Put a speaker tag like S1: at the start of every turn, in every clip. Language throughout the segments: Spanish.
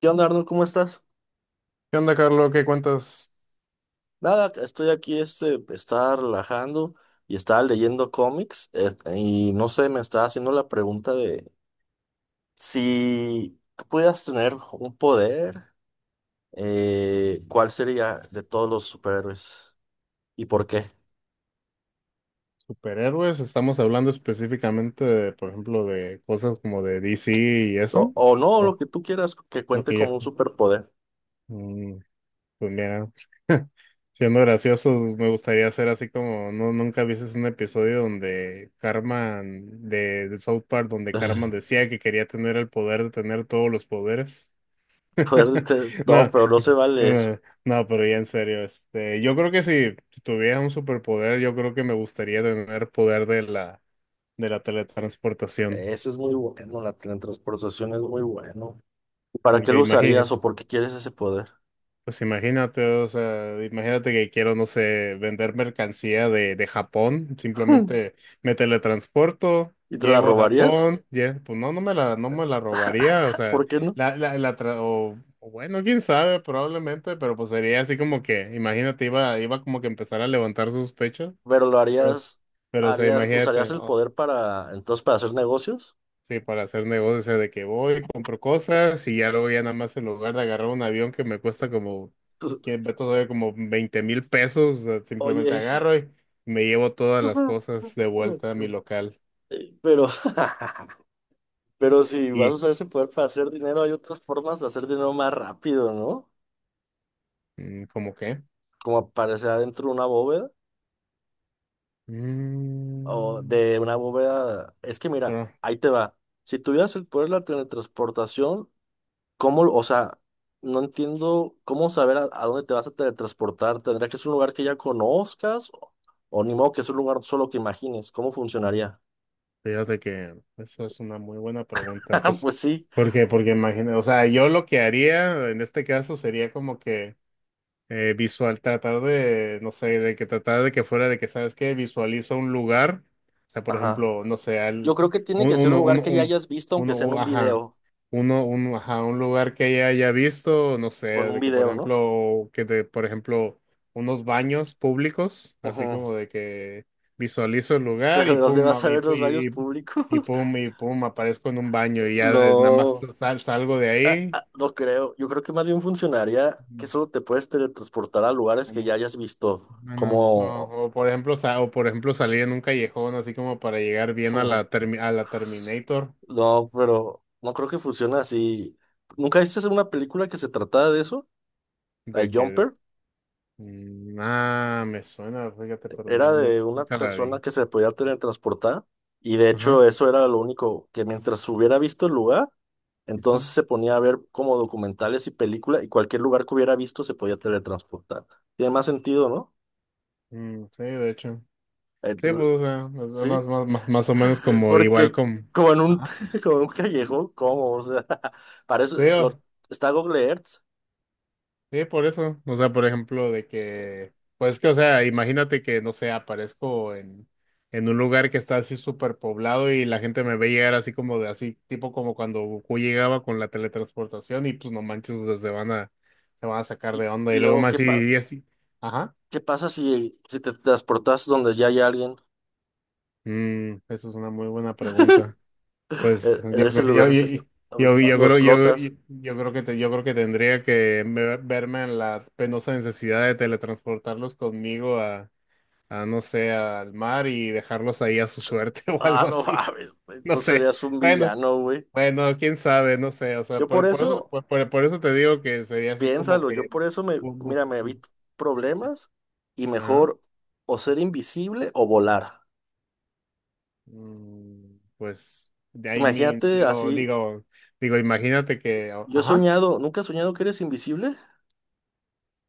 S1: ¿Qué onda, Arnold? ¿Cómo estás?
S2: ¿Qué onda, Carlos? ¿Qué cuentas?
S1: Nada, estoy aquí, estaba relajando y estaba leyendo cómics y no sé, me estaba haciendo la pregunta de si tú pudieras tener un poder, ¿cuál sería de todos los superhéroes y por qué?
S2: Superhéroes, estamos hablando específicamente de, por ejemplo, de cosas como de DC y
S1: O,
S2: eso.
S1: o no, lo
S2: Oh,
S1: que tú quieras que
S2: no
S1: cuente
S2: que
S1: como
S2: yo.
S1: un superpoder.
S2: Mm, pues mira, siendo graciosos, me gustaría hacer así como, no, nunca viste un episodio donde Carmen de South Park, donde Carmen decía que quería tener el poder de tener todos los poderes.
S1: Poder de no,
S2: No,
S1: pero no se vale eso.
S2: eh, no, pero ya en serio, este, yo creo que si tuviera un superpoder, yo creo que me gustaría tener poder de la teletransportación,
S1: Eso es muy bueno, la teletransportación es muy bueno. ¿Para qué
S2: porque
S1: lo usarías o por qué quieres ese poder?
S2: pues imagínate, o sea, imagínate que quiero, no sé, vender mercancía de Japón, simplemente me teletransporto,
S1: ¿Y te la
S2: llego a
S1: robarías?
S2: Japón, ya, pues no, no me la robaría, o sea,
S1: ¿Por qué no?
S2: o bueno, quién sabe, probablemente, pero pues sería así como que, imagínate, iba como que empezar a levantar sospechas,
S1: Pero lo
S2: pero,
S1: harías,
S2: pero o sea,
S1: harías, usarías
S2: imagínate.
S1: el poder para, entonces, para hacer negocios.
S2: Sí, para hacer negocios, o sea, de que voy, compro cosas y ya luego ya nada más en lugar de agarrar un avión que me cuesta como, que ve todavía como 20,000 pesos, o sea, simplemente
S1: Oye,
S2: agarro y me llevo todas las cosas de vuelta a mi local.
S1: pero, pero si vas a
S2: ¿Y
S1: usar ese poder para hacer dinero, hay otras formas de hacer dinero más rápido, ¿no?
S2: cómo qué?
S1: Como aparecer adentro de una bóveda o
S2: Mm,
S1: de una bóveda. Es que mira,
S2: bueno,
S1: ahí te va. Si tuvieras el poder de la teletransportación, ¿cómo, o sea, no entiendo cómo saber a dónde te vas a teletransportar? ¿Tendría que ser un lugar que ya conozcas? O ni modo que es un lugar solo que imagines? ¿Cómo funcionaría?
S2: fíjate que eso es una muy buena pregunta, pues,
S1: Pues sí.
S2: ¿por qué? Porque imagina, o sea, yo lo que haría en este caso sería como que visual, tratar de, no sé, de que tratar de que fuera de que, ¿sabes qué? Visualiza un lugar, o sea, por
S1: Ajá.
S2: ejemplo, no sé,
S1: Yo
S2: al,
S1: creo que tiene
S2: un-
S1: que ser un
S2: uno,
S1: lugar
S2: uno,
S1: que ya
S2: uno,
S1: hayas visto, aunque sea en un
S2: ajá,
S1: video,
S2: ajá, un lugar que ella haya visto, no sé,
S1: con un
S2: de que, por
S1: video, ¿no?
S2: ejemplo, por ejemplo, unos baños públicos, así
S1: Ujú.
S2: como de que visualizo el lugar
S1: Pero
S2: y
S1: ¿de dónde
S2: pum,
S1: vas a ver los baños públicos?
S2: y pum, aparezco en un baño y ya nada más
S1: No,
S2: salgo de
S1: ah,
S2: ahí.
S1: ah, no creo. Yo creo que más bien funcionaría que solo te puedes teletransportar a lugares que ya hayas visto,
S2: Bueno,
S1: como
S2: o por ejemplo, o por ejemplo salir en un callejón así como para llegar bien a la a la Terminator,
S1: no, pero no creo que funcione así. ¿Nunca viste una película que se trataba de eso? La de
S2: de que
S1: Jumper.
S2: ah, me suena, fíjate, pero
S1: Era
S2: no,
S1: de una
S2: nunca la
S1: persona
S2: vi.
S1: que se podía teletransportar. Y de hecho,
S2: Ajá.
S1: eso era lo único que mientras hubiera visto el lugar, entonces
S2: Ujú.
S1: se ponía a ver como documentales y películas. Y cualquier lugar que hubiera visto se podía teletransportar. Tiene más sentido, ¿no?
S2: Mm, sí, de hecho. Sí, pues
S1: Entonces,
S2: o sea,
S1: sí.
S2: más o menos como igual
S1: Porque
S2: como.
S1: como en un,
S2: Ajá.
S1: como en un callejón, ¿cómo? O sea, para
S2: Sí,
S1: eso
S2: o,
S1: está Google Earth.
S2: sí, por eso. O sea, por ejemplo, de que, pues que, o sea, imagínate que, no sé, aparezco en un lugar que está así súper poblado y la gente me ve llegar así como de así, tipo como cuando Goku llegaba con la teletransportación y pues no manches, o sea, se van a sacar
S1: Y,
S2: de
S1: y
S2: onda y luego
S1: luego,
S2: más así, y así. Ajá.
S1: ¿qué pasa si, si te transportas donde ya hay alguien?
S2: Mm, eso es una muy buena pregunta. Pues
S1: En
S2: yo,
S1: en ese lo explotas.
S2: yo creo que yo creo que tendría que verme en la penosa necesidad de teletransportarlos conmigo no sé, al mar y dejarlos ahí a su suerte o
S1: Ah,
S2: algo
S1: no
S2: así.
S1: mames.
S2: No
S1: Entonces
S2: sé.
S1: serías un
S2: Bueno,
S1: villano, güey.
S2: bueno, quién sabe, no sé. O sea,
S1: Yo por eso,
S2: por eso te digo que sería así como
S1: piénsalo,
S2: que.
S1: yo por eso me,
S2: bu- bu-
S1: mira, me evito problemas y
S2: Ajá.
S1: mejor o ser invisible o volar.
S2: Mm, pues, de ahí mi,
S1: Imagínate así.
S2: digo, digo, imagínate que, o,
S1: Yo he
S2: ajá.
S1: soñado, ¿nunca has soñado que eres invisible?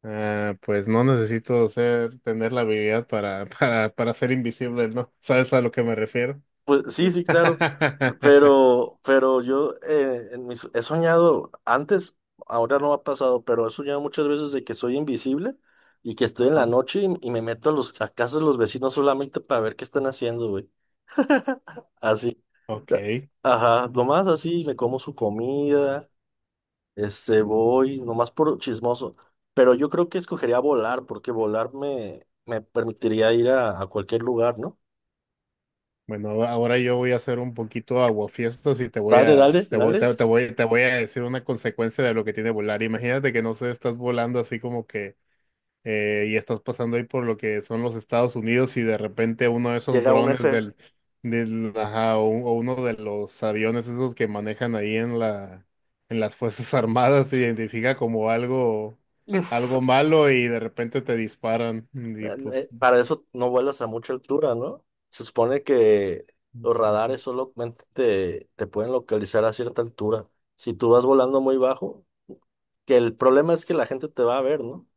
S2: Ah, pues no necesito ser, tener la habilidad para, para ser invisible, ¿no? ¿Sabes a lo que me refiero?
S1: Pues sí, sí, claro, pero yo he soñado antes, ahora no ha pasado, pero he soñado muchas veces de que soy invisible y que estoy en la
S2: Ajá.
S1: noche y me meto a los a casas de los vecinos solamente para ver qué están haciendo, güey. Así, a-
S2: Ok.
S1: ajá, nomás así, me como su comida, este, voy, nomás por chismoso. Pero yo creo que escogería volar, porque volar me, me permitiría ir a cualquier lugar, ¿no?
S2: Bueno, ahora yo voy a hacer un poquito aguafiestas y
S1: Dale, dale, dale,
S2: te voy a decir una consecuencia de lo que tiene volar. Imagínate que no sé, estás volando así como que y estás pasando ahí por lo que son los Estados Unidos y de repente uno de esos
S1: llega un
S2: drones
S1: F.
S2: del, ajá, o uno de los aviones esos que manejan ahí en la, en las Fuerzas Armadas se identifica como algo, algo malo y de repente te disparan y pues
S1: Para eso no vuelas a mucha altura, ¿no? Se supone que los radares solamente te, te pueden localizar a cierta altura. Si tú vas volando muy bajo, que el problema es que la gente te va a ver, ¿no?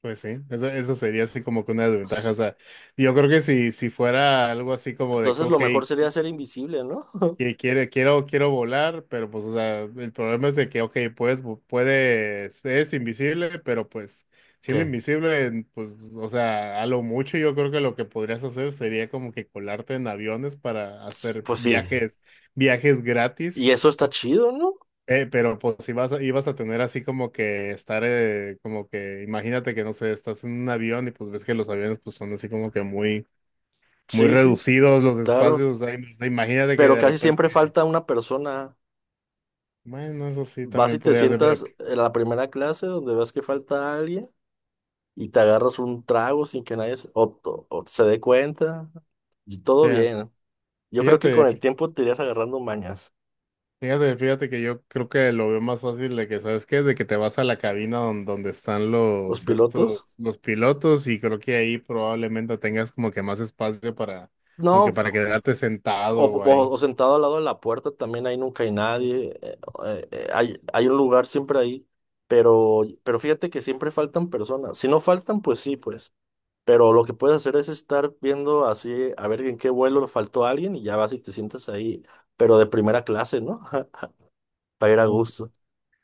S2: pues sí, eso sería así como que una desventaja. O
S1: S-
S2: sea, yo creo que si fuera algo así como de que,
S1: Entonces
S2: ok,
S1: lo mejor sería ser invisible, ¿no?
S2: quiero volar, pero pues, o sea, el problema es de que, ok, puedes, es invisible, pero pues siendo
S1: Que,
S2: invisible, pues, o sea, a lo mucho yo creo que lo que podrías hacer sería como que colarte en aviones para hacer
S1: pues sí.
S2: viajes, viajes gratis.
S1: Y eso está chido, ¿no?
S2: Pero pues ibas a tener así como que estar, como que imagínate que no sé, estás en un avión y pues ves que los aviones pues son así como que muy, muy
S1: Sí, sí,
S2: reducidos los
S1: claro.
S2: espacios, o sea, imagínate que
S1: Pero
S2: de
S1: casi
S2: repente,
S1: siempre falta una persona.
S2: bueno, eso sí
S1: Vas y
S2: también
S1: te
S2: podría ser, pero
S1: sientas en la primera clase donde ves que falta alguien. Y te agarras un trago sin que nadie se, o se dé cuenta y todo
S2: fea-
S1: bien. Yo creo que con
S2: fíjate,
S1: el
S2: fí-
S1: tiempo te irías agarrando mañas.
S2: fíjate que yo creo que lo veo más fácil de que, ¿sabes qué? De que te vas a la cabina donde están
S1: Los
S2: los,
S1: pilotos,
S2: estos, los pilotos y creo que ahí probablemente tengas como que más espacio para, como
S1: no,
S2: que para quedarte sentado, o ahí.
S1: o sentado al lado de la puerta también ahí nunca hay nadie, hay, hay un lugar siempre ahí, pero fíjate que siempre faltan personas. Si no faltan, pues sí, pues. Pero lo que puedes hacer es estar viendo así, a ver en qué vuelo faltó alguien y ya vas y te sientas ahí, pero de primera clase, ¿no? Para ir a
S2: Uh,
S1: gusto.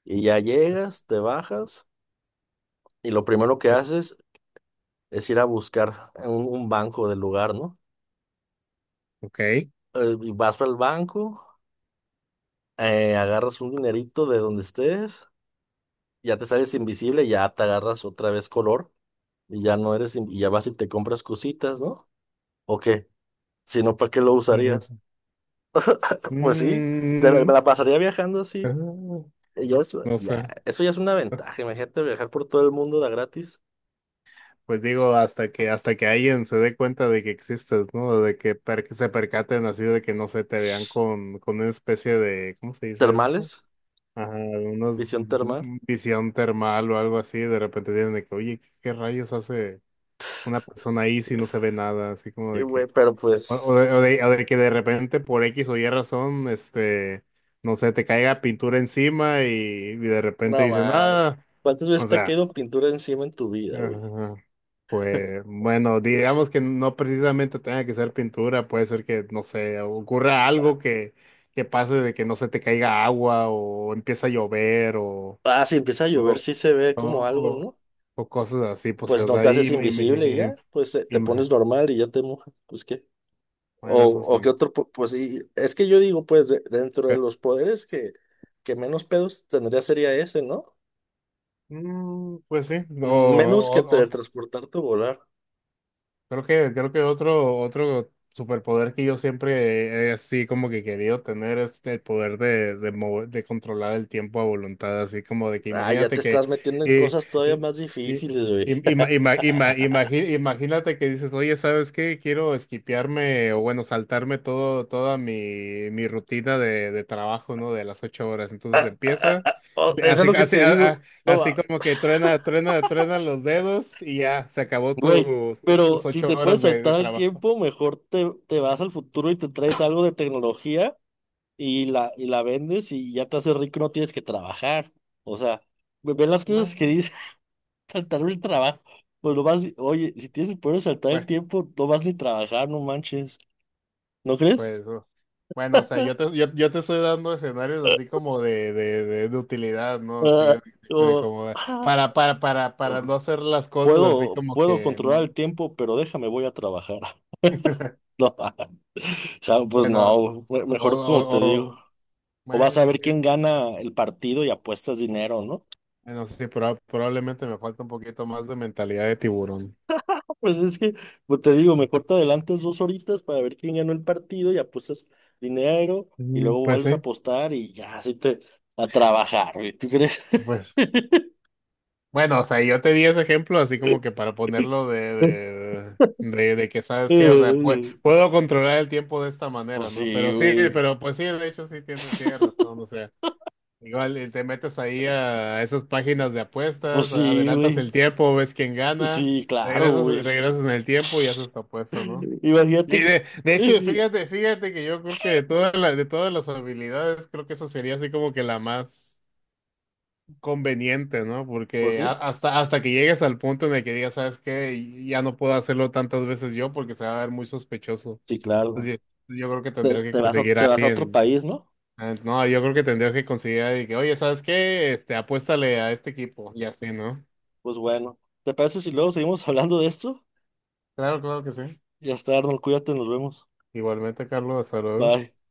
S1: Y ya llegas, te bajas y lo primero que
S2: Pues,
S1: haces es ir a buscar un banco del lugar, ¿no?
S2: ok.
S1: Y vas al banco, agarras un dinerito de donde estés, ya te sales invisible, ya te agarras otra vez color y ya no y ya vas y te compras cositas, ¿no? ¿O qué? Si no, ¿para qué lo
S2: Ujú.
S1: usarías? Pues sí, te la, me
S2: Mm,
S1: la pasaría viajando así.
S2: ah,
S1: Y ya eso,
S2: no
S1: ya,
S2: sé.
S1: eso ya es una ventaja. Imagínate viajar por todo el mundo de a gratis.
S2: Pues digo, hasta que alguien se dé cuenta de que existes, ¿no? De que, que se percaten así, de que no se te vean con una especie de, ¿cómo se dice esto?
S1: Termales,
S2: Ajá,
S1: visión termal.
S2: visión termal o algo así, de repente tienen de que, oye, ¿qué, qué rayos hace una persona ahí si no se ve nada? Así como
S1: Sí,
S2: de
S1: güey,
S2: que,
S1: pero pues,
S2: o de que de repente por X o Y razón, este, no sé, te caiga pintura encima y de repente
S1: no
S2: dicen,
S1: man.
S2: ah,
S1: ¿Cuántas
S2: o
S1: veces te ha
S2: sea,
S1: caído pintura encima en tu vida, güey?
S2: ajá, pues bueno, digamos que no precisamente tenga que ser pintura, puede ser que, no sé, ocurra algo que pase de que no se te caiga agua o empieza a llover o
S1: Ah, si empieza a llover,
S2: o,
S1: sí se ve como algo,
S2: o-
S1: ¿no?
S2: o cosas así, pues,
S1: Pues
S2: o
S1: no
S2: sea,
S1: te haces invisible y ya, pues
S2: y
S1: te
S2: me-
S1: pones normal y ya te mojas, pues qué. O,
S2: bueno, eso sí.
S1: o qué otro, pues sí, es que yo digo, pues dentro de
S2: Pero,
S1: los poderes que menos pedos tendría sería ese, ¿no?
S2: pues sí, o,
S1: Menos que
S2: o-
S1: teletransportarte o volar.
S2: creo que, creo que otro, otro superpoder que yo siempre he así como que querido tener es el poder de, de controlar el tiempo a voluntad, así como de que
S1: Ah, ya te
S2: imagínate que
S1: estás metiendo en
S2: eh,
S1: cosas todavía
S2: eh,
S1: más
S2: eh,
S1: difíciles, güey.
S2: imagínate que dices, oye, ¿sabes qué? Quiero esquipearme o bueno, saltarme todo, toda mi, mi rutina de trabajo, ¿no? De las 8 horas. Entonces empieza.
S1: Oh, eso es
S2: Así,
S1: lo que
S2: así,
S1: te digo. No,
S2: así
S1: va.
S2: como que truena, truena, truena los dedos y ya, se acabó
S1: Güey,
S2: tu, tus
S1: pero si
S2: ocho
S1: te
S2: horas
S1: puedes
S2: de
S1: saltar el
S2: trabajo.
S1: tiempo, mejor te, te vas al futuro y te traes algo de tecnología y la vendes y ya te haces rico, no tienes que trabajar. O sea, ve ve las cosas que
S2: Bueno,
S1: dice saltar el trabajo. Pues lo vas, oye, si tienes el poder de saltar el
S2: bueno,
S1: tiempo, no vas ni trabajar, no manches. ¿No crees?
S2: pues, bueno, o sea, yo yo te estoy dando escenarios así como de utilidad, ¿no? Así
S1: Ah,
S2: de,
S1: o, ah,
S2: para no
S1: o,
S2: hacer las cosas así
S1: puedo,
S2: como
S1: puedo
S2: que,
S1: controlar
S2: mm,
S1: el tiempo, pero déjame, voy a trabajar. No, o sea, pues
S2: bueno,
S1: no, güey,
S2: o,
S1: mejor como te
S2: o,
S1: digo.
S2: o-
S1: O vas a
S2: bueno,
S1: ver
S2: sí,
S1: quién gana el partido y apuestas dinero, ¿no?
S2: bueno, sí, probablemente me falta un poquito más de mentalidad de tiburón.
S1: Pues es que, pues te digo, mejor te adelantas dos horitas para ver quién ganó el partido y apuestas dinero y
S2: Mm,
S1: luego
S2: pues
S1: vuelves a
S2: sí,
S1: apostar y ya, así te a trabajar, güey. ¿Tú crees?
S2: pues. Bueno, o sea, yo te di ese ejemplo así como que para ponerlo de que sabes qué, o sea, puedo controlar el tiempo de esta
S1: Pues
S2: manera, ¿no?
S1: sí,
S2: Pero sí,
S1: güey.
S2: pero pues sí, de hecho sí tiene, tiene razón, o sea, igual te metes ahí a esas páginas de
S1: Pues
S2: apuestas,
S1: sí,
S2: adelantas
S1: güey.
S2: el tiempo, ves quién
S1: Pues
S2: gana,
S1: sí, claro,
S2: regresas,
S1: güey.
S2: regresas en el tiempo y haces tu apuesta, ¿no? Y
S1: Imagínate que...
S2: de hecho, fíjate, fíjate que yo creo que de todas las habilidades, creo que esa sería así como que la más conveniente, ¿no?
S1: Pues
S2: Porque
S1: sí,
S2: hasta, hasta que llegues al punto en el que digas, ¿sabes qué? Ya no puedo hacerlo tantas veces yo porque se va a ver muy sospechoso.
S1: sí, claro.
S2: Entonces, yo creo que
S1: Te,
S2: tendrías que conseguir
S1: te
S2: a
S1: vas a otro
S2: alguien.
S1: país, ¿no?
S2: No, yo creo que tendrías que conseguir a alguien que, oye, ¿sabes qué? Este, apuéstale a este equipo y así, ¿no?
S1: Pues bueno, ¿te parece si luego seguimos hablando de esto?
S2: Claro, claro que sí.
S1: Ya está, Arnold, cuídate, nos vemos.
S2: Igualmente, Carlos, hasta luego.
S1: Bye.